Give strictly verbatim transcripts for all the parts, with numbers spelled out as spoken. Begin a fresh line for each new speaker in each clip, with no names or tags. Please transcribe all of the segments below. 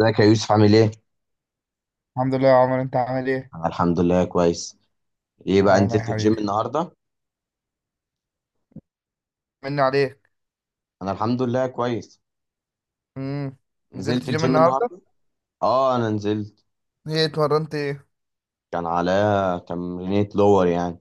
ازيك يا يوسف؟ عامل ايه؟
الحمد لله يا عمر، انت عامل ايه؟
انا الحمد لله كويس. ايه بقى، نزلت
دايما يا
تمام الجيم
حبيبي.
النهارده؟
مني عليك.
انا الحمد لله كويس.
امم نزلت
نزلت
جيم
الجيم
النهارده.
النهارده؟ اه انا نزلت.
ايه اتمرنت ايه؟
كان عليا تمرينة لور يعني.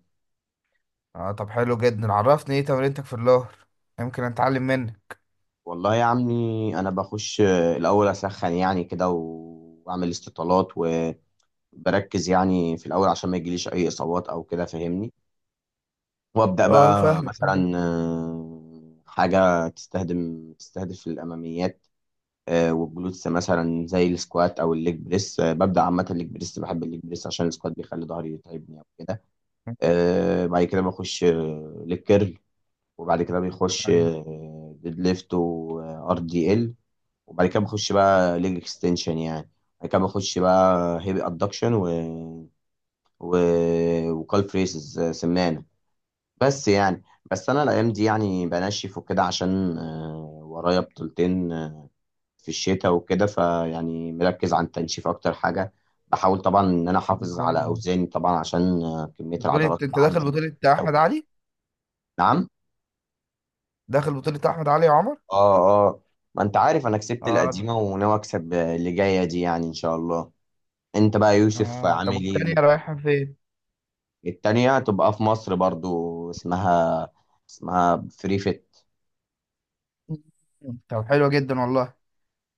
اه طب حلو جدا، عرفني ايه تمرينتك في الظهر، يمكن اتعلم منك.
والله يا عمي انا بخش آه، الاول اسخن يعني كده و- واعمل استطالات، وبركز يعني في الاول عشان ما يجيليش اي اصابات او كده، فاهمني؟ وابدا
اه
بقى
فاهمك طبعاً.
مثلا آه، حاجه تستهدم تستهدف الاماميات آه، والجلوتس، مثلا زي السكوات او الليج بريس. آه، ببدا عامه الليج بريس، بحب الليج بريس عشان السكوات بيخلي ظهري يتعبني او كده. آه، بعد كده بخش آه، ليج كيرل. وبعد كده بيخش
ايوه.
آه، ديد ليفت وار دي ال. وبعد كده بخش بقى ليج اكستنشن يعني. بعد كده بخش بقى هيفي ادكشن و و وكال فريسز آه، سمانه. بس يعني، بس انا الايام دي يعني بنشف وكده، عشان آه، ورايا بطولتين في الشتاء وكده، فيعني مركز على التنشيف اكتر حاجه. بحاول طبعا ان انا احافظ على
آه.
اوزاني طبعا، عشان آه، كميه
بطولة،
العضلات
انت
اللي
داخل
عندي
بطولة
او
احمد
كده.
علي؟
نعم.
داخل بطولة احمد علي يا عمر؟
اه. اه، ما انت عارف انا كسبت
اه ده.
القديمه وناوي اكسب اللي جايه دي يعني ان شاء الله. انت بقى يا يوسف
اه طب
عامل ايه؟
والتانية رايحة فين؟
التانية تبقى في مصر برضو، اسمها، اسمها فري فيت.
مم. طب حلو جدا والله.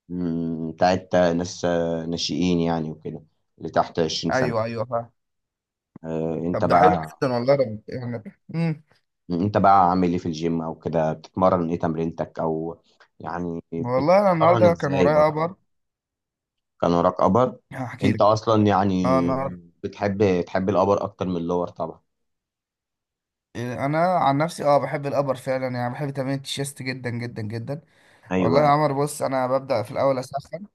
مم، بتاعت ناس آه، ناشئين يعني وكده، اللي تحت عشرين سنة.
ايوه ايوه فاهم.
آه، انت
طب ده حلو
بقى،
جدا والله رب. يعني. امم
انت بقى عامل ايه في الجيم او كده؟ بتتمرن ايه تمرينتك؟ او يعني
والله انا
بتتمرن
النهارده كان
ازاي
ورايا
برضه؟
امر.
كان وراك ابر.
هحكي
انت
لك.
اصلا
اه
يعني
النهارده.
بتحب، تحب الابر اكتر من اللور طبعا.
انا عن نفسي اه بحب الابر فعلا، يعني بحب تمرين التشيست جدا جدا جدا. والله يا
ايوه.
عمر بص، انا ببدا في الاول اسخن.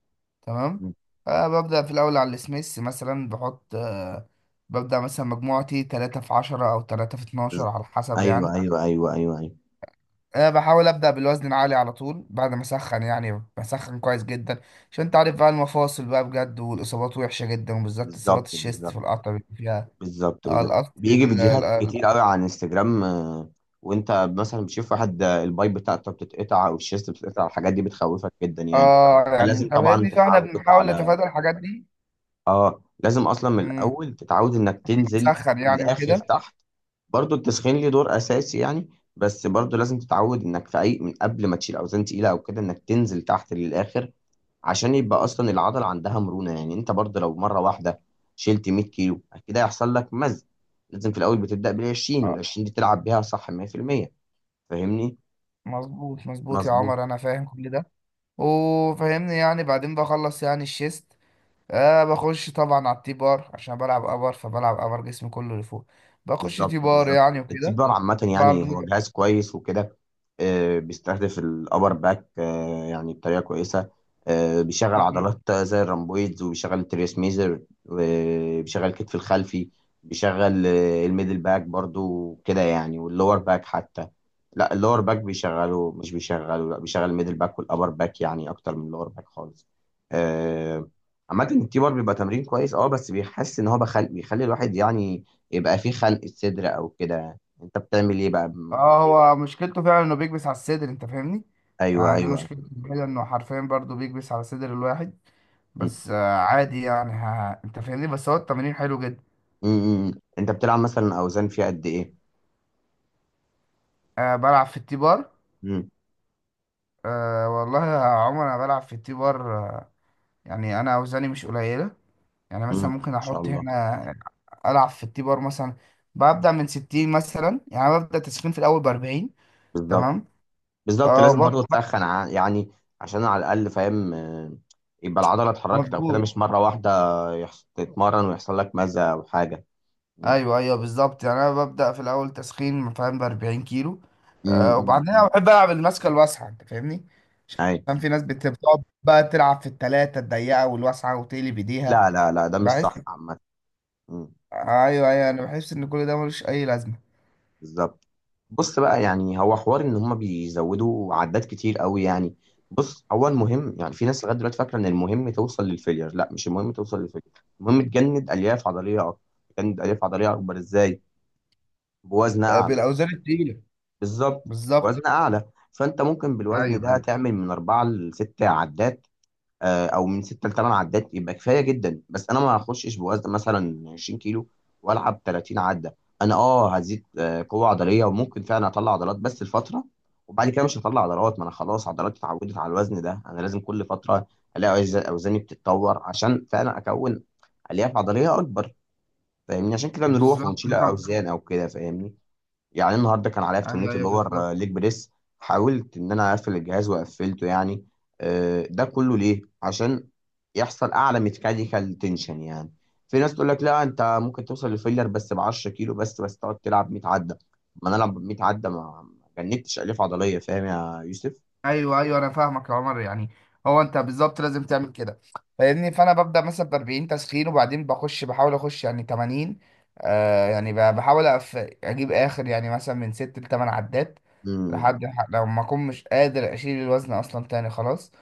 تمام. آه ببدا في الاول على السميث مثلا بحط، آه ببدا مثلا مجموعتي تلاتة في عشرة او تلاتة في
بز-
اتناشر على حسب يعني.
ايوه ايوه ايوه ايوه ايوه.
آه بحاول ابدا بالوزن العالي على طول بعد ما اسخن، يعني بسخن كويس جدا عشان انت عارف بقى المفاصل بقى بجد، والاصابات وحشه جدا وبالذات اصابات
بالظبط
الشيست
بالظبط.
في القطع بيبقى فيها.
بالظبط
آه،
بالظبط،
القط-
بيجي
ال-
فيديوهات
ال-
كتير قوي على انستجرام. آه، وانت مثلا بتشوف واحد آه، البايب بتاعته بتتقطع او الشيست بتتقطع، الحاجات دي بتخوفك جدا يعني.
اه يعني
فلازم
انت
طبعا
فاهمني، فاحنا
تتعود
بنحاول
على،
نتفادى الحاجات دي.
لازم اصلا من
امم
الاول تتعود انك تنزل
نسخن يعني
للاخر
وكده.
تحت. برضو التسخين ليه دور اساسي يعني، بس برضو لازم تتعود انك في اي، من قبل ما تشيل اوزان تقيله او كده، انك تنزل تحت للاخر، عشان يبقى اصلا العضله عندها مرونه. يعني انت برضو لو مره واحده شلت مية كيلو، كده هيحصل لك مزق. لازم في الاول بتبدا بال عشرين، وال
اه
عشرين دي تلعب بيها صح مية في المية. فاهمني؟
مظبوط مظبوط يا
مظبوط.
عمر، انا فاهم كل ده وفاهمني. يعني بعدين بخلص يعني الشيست. آه بخش طبعا على التي بار عشان بلعب ابر، فبلعب ابر جسمي كله لفوق. بخش
بالظبط
تي بار
بالظبط.
يعني
التيك
وكده
باور عامة
برضه.
يعني هو جهاز كويس وكده، آه، بيستهدف الأبر باك آه، يعني بطريقة كويسة. آه، بيشغل
مم.
عضلات زي الرامبويدز، وبيشغل التريس ميزر، وبيشغل الكتف الخلفي. بيشغل آه، الميدل باك برضو كده يعني، واللور باك حتى. لا، اللور باك بيشغله مش بيشغله، لا بيشغل الميدل باك والأبر باك يعني أكتر من اللور باك خالص. آه، عامة التي بار بيبقى تمرين كويس اه، بس بيحس ان هو بخل... بيخلي الواحد يعني يبقى في خلق صدر او كده. انت بتعمل ايه بقى م-
اه هو مشكلته فعلا انه بيكبس على الصدر، انت فاهمني.
ايوه
يعني دي
ايوه أيوه.
مشكلته كده، انه حرفيا برضه بيكبس على صدر الواحد.
مم.
بس آه عادي يعني، ها انت فاهمني، بس هو التمرين حلو جدا.
مم. مم. انت بتلعب مثلا اوزان فيها قد ايه؟
أه بلعب في التي بار.
مم.
أه والله يا عمر انا بلعب في التي بار أه. يعني انا اوزاني مش قليله. يعني
مم.
مثلا ممكن
ان شاء
احط
الله.
هنا، العب في التي بار مثلا. ببدا من ستين مثلا، يعني أنا ببدا تسخين في الاول ب اربعين.
بالظبط.
تمام.
بالظبط
اه
لازم برضو
ببدا.
تسخن ع- يعني، عشان على الاقل فاهم آه، يبقى العضله اتحركت او كده،
مظبوط.
مش مره واحده يحص... تتمرن ويحصل لك مزه او حاجه. مم.
ايوه ايوه بالظبط. يعني انا ببدا في الاول تسخين فاهم ب 40 كيلو.
مم.
أه
مم.
وبعدين
مم.
انا بحب العب الماسكه الواسعه، انت فاهمني.
اي.
عشان في ناس بت- بتقعد بقى تلعب في التلاتة الضيقه والواسعه وتقلب ايديها.
لا لا لا، ده مش
بحس.
صح عامه. مم.
ايوه ايوه انا بحس ان كل ده ملوش اي لازمه.
بالظبط. بص بقى يعني، هو حوار ان هم بيزودوا عدات كتير قوي يعني. بص، هو المهم يعني، في ناس لغايه دلوقتي فاكره ان المهم توصل للفيلير. لا، مش المهم توصل للفيلير، المهم تجند الياف عضليه اكتر. تجند الياف عضليه اكبر ازاي؟ بوزن
آه،
اعلى.
بالاوزان التقيله.
بالظبط.
بالظبط.
بوزن اعلى. فانت ممكن بالوزن
ايوه
ده
ايوه
تعمل من اربعه لست عدات، آه، او من ستة ل ثمانية عدات، يبقى كفايه جدا. بس انا ما هخشش بوزن مثلا عشرين كيلو والعب تلاتين عده. انا اه هزيد آه، قوه عضليه، وممكن فعلا اطلع عضلات بس الفتره، وبعد كده مش هطلع عضلات. ما انا خلاص عضلاتي اتعودت على الوزن ده، انا لازم كل فتره الاقي أوز- اوزاني بتتطور، عشان فعلا اكون الياف عضليه اكبر. فاهمني؟ عشان كده بنروح
بالظبط.
ونشيل
انت.
اوزان او كده، فاهمني؟ يعني النهارده كان عليا في تمرينة
ايوه ايوه
اللور
بالظبط.
آه، ليج بريس، حاولت ان انا اقفل الجهاز وقفلته يعني. آه، ده كله ليه؟ عشان يحصل اعلى ميكانيكال تنشن يعني. في ناس تقول لك لا، انت ممكن توصل لفيلر بس ب عشرة كيلو، بس بس تقعد تلعب مية عده. ما انا العب مية عده، ما ما جنبتش الياف عضليه. فاهم يا
ايوه ايوه انا فاهمك يا عمر يعني. هو انت بالظبط لازم تعمل كده، فاهمني. فانا ببدا مثلا ب اربعين تسخين، وبعدين بخش بحاول اخش يعني تمانين. آه يعني ب- بحاول أف... اجيب اخر يعني مثلا من ستة ل 8 عدات
يوسف؟
لحد ح- لو ما اكون مش قادر اشيل الوزن اصلا تاني خلاص.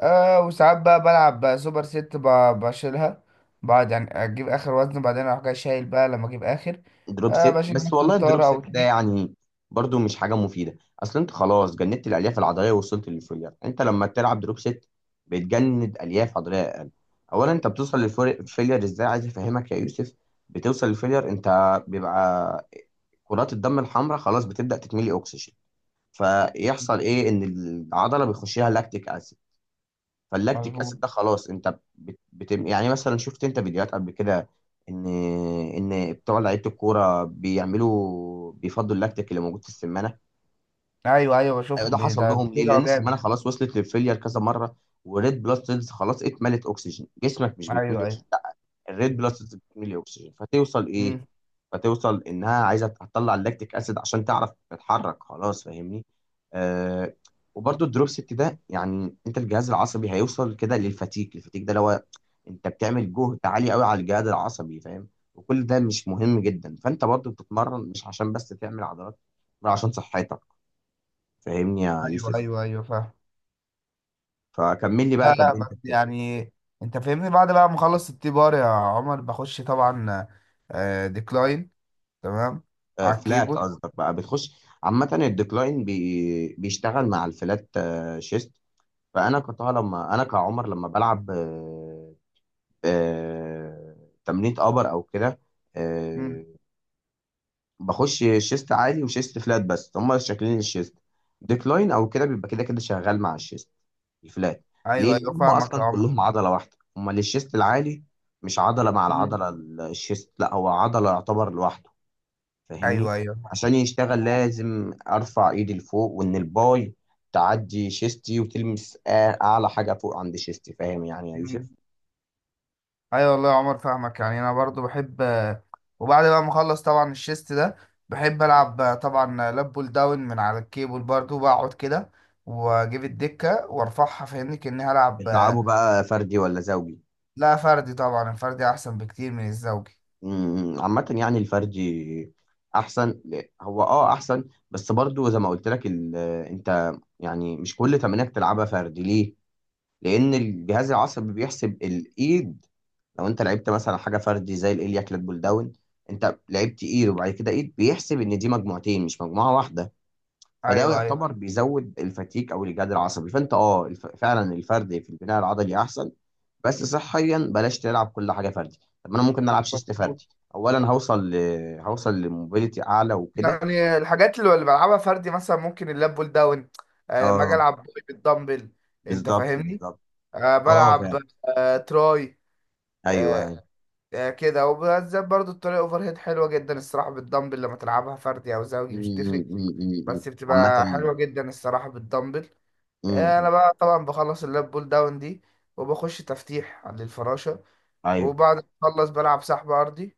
آه وساعات بقى بلعب بقى سوبر ست، ب- بشيلها بعد، يعني اجيب اخر وزن بعدين اروح جاي شايل بقى لما اجيب اخر.
دروب
آه
ست؟
بشيل
بس
مثلا
والله الدروب
طارة
ست
او
ده
اتنين.
يعني برضو مش حاجة مفيدة. اصل انت خلاص جندت الالياف العضلية ووصلت للفوليار، انت لما تلعب دروب ست بتجند الياف عضلية اقل. اولا انت بتوصل للفوليار ازاي، عايز افهمك يا يوسف. بتوصل للفوليار، انت بيبقى كرات الدم الحمراء خلاص بتبدأ تتملي اكسجين. فيحصل ايه، ان العضلة بيخش لها لاكتيك اسيد. فاللاكتيك
مظبوط.
اسيد ده خلاص انت بت... بت... يعني مثلا شفت انت فيديوهات قبل كده ان ان بتوع لعيبه الكوره بيعملوا، بيفضوا اللاكتيك اللي موجود في السمانه.
ايوه ايوه
ايوه، ده
بشوفهم، بي-
حصل
ده
لهم ليه؟
بيرجعوا
لان السمانه
جامد.
خلاص وصلت للفيلير كذا مره، والريد بلاد سيلز خلاص اتملت اكسجين. جسمك مش بيتملي
ايوه ايوه.
اكسجين، الريد بلس سيلز بتميل اكسجين. فتوصل ايه؟
امم
فتوصل انها عايزه تطلع اللاكتيك اسيد عشان تعرف تتحرك خلاص. فاهمني؟ آه. وبرده الدروب ست ده يعني، انت الجهاز العصبي هيوصل كده للفتيك، الفتيك ده اللي هو انت بتعمل جهد عالي قوي على الجهاز العصبي. فاهم؟ وكل ده مش مهم جدا. فانت برضو بتتمرن مش عشان بس تعمل عضلات، بل عشان صحتك. فاهمني يا
ايوه
يوسف؟
ايوه ايوه فاهم.
فكمل لي بقى
لا لا بس
تمرينتك.
يعني، انت فاهمني بعد بقى ما اخلص التي بار يا عمر بخش طبعا آه ديكلاين. تمام. على
فلات
الكيبورد.
قصدك بقى بتخش؟ عامة الديكلاين بي بيشتغل مع الفلات آه، شيست. فأنا كطه لما أنا كعمر لما بلعب آه، آه، تمرينة أبر أو كده،
امم
آه، بخش شيست عالي وشيست فلات، بس هما شكلين الشيست. ديكلاين أو كده بيبقى كده كده شغال مع الشيست الفلات. ليه؟
ايوه ايوه
لأن هما
فاهمك يا
أصلا
عمر.
كلهم عضلة واحدة، هما للشيست العالي، مش عضلة مع
امم
العضلة. الشيست لا، هو عضلة يعتبر لوحده. فاهمني؟
ايوه ايوه.
عشان يشتغل لازم ارفع ايدي لفوق، وان الباي تعدي شيستي وتلمس آ- اعلى حاجه فوق عند شيستي. فاهم يعني يا يوسف؟
مم. ايوه والله يا عمر فاهمك، يعني انا برضو بحب. وبعد بقى ما اخلص طبعا الشيست ده، بحب العب طبعا لاب بول داون من على الكيبل برضو، بقعد كده واجيب الدكه وارفعها فاهمني كاني هلعب.
بتلعبه بقى فردي ولا زوجي؟
لا فردي طبعا، الفردي احسن بكتير من الزوجي.
أمم، عامه يعني الفردي احسن ل- هو اه احسن، بس برضو زي ما قلت لك ال- انت يعني مش كل تمرينك تلعبها فردي. ليه؟ لان الجهاز العصبي بيحسب الايد، لو انت لعبت مثلا حاجه فردي زي الاليا كلات بول داون، انت لعبت ايد وبعد كده ايد، بيحسب ان دي مجموعتين مش مجموعه واحده. فده
ايوه ايوه
يعتبر بيزود الفتيك او الجهاد العصبي. فانت اه الف... فعلا الفردي في البناء العضلي احسن، بس صحيا بلاش تلعب كل حاجه فردي. طب ما انا ممكن العب شيست
مظبوط.
فردي، اولا هوصل ل... هوصل لموبيليتي اعلى وكده.
يعني الحاجات اللي اللي بلعبها فردي، مثلا ممكن اللاب بول داون. آه، لما اجي
اه
العب بالدمبل، انت
بالظبط
فاهمني.
بالظبط.
آه،
اه
بلعب
فعلا.
آه، تراي
ايوه
آه،
ايوه.
آه، كده، وبالذات برضو الطريقة اوفر هيد حلوة جدا الصراحة بالدمبل، لما تلعبها فردي او
م-
زوجي مش
م-
تفرق.
م- م- م.
بس
عامه.
بتبقى حلوة جدا الصراحة بالدمبل. آه، انا بقى طبعا بخلص اللاب بول داون دي وبخش تفتيح للفراشة.
ايوه.
وبعد ما اخلص بلعب سحب ارضي.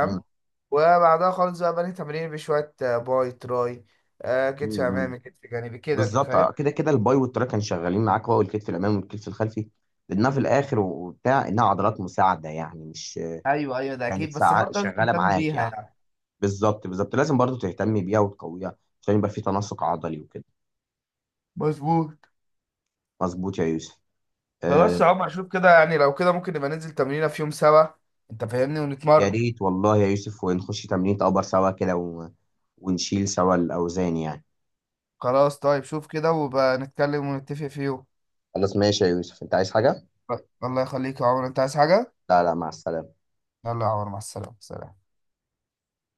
مم.
وبعدها خالص بقى بني تمرين بشوية آه، باي تراي، آه، كتف
مم. مم.
امامي كتف جانبي كده، انت
بالظبط
فاهم.
آه، كده كده الباي والتراي كانوا شغالين معاك، هو الكتف الامامي والكتف الخلفي لانها في الاخر وبتاع انها عضلات مساعده يعني، مش
ايوه ايوه ده
كانت
اكيد، بس
ساعة
برضه لازم
شغاله
تهتم
معاك
بيها
يعني.
يعني.
بالظبط بالظبط، لازم برضو تهتمي بيها وتقويها عشان يبقى في تناسق عضلي وكده.
مظبوط.
مظبوط يا يوسف.
خلاص
آه.
يا عمر شوف كده، يعني لو كده ممكن نبقى ننزل تمرينة في يوم سوا، انت فاهمني،
يا
ونتمرن.
ريت والله يا يوسف، ونخش تمرين ابر سوا كده و... ونشيل سوا الاوزان يعني.
خلاص طيب، شوف كده وبقى نتكلم ونتفق في يوم.
خلاص ماشي يا يوسف، انت عايز حاجه؟
الله يخليك يا عمر، انت عايز حاجة؟
لا لا، مع السلامه.
يلا يا عمر، مع السلامة، سلام.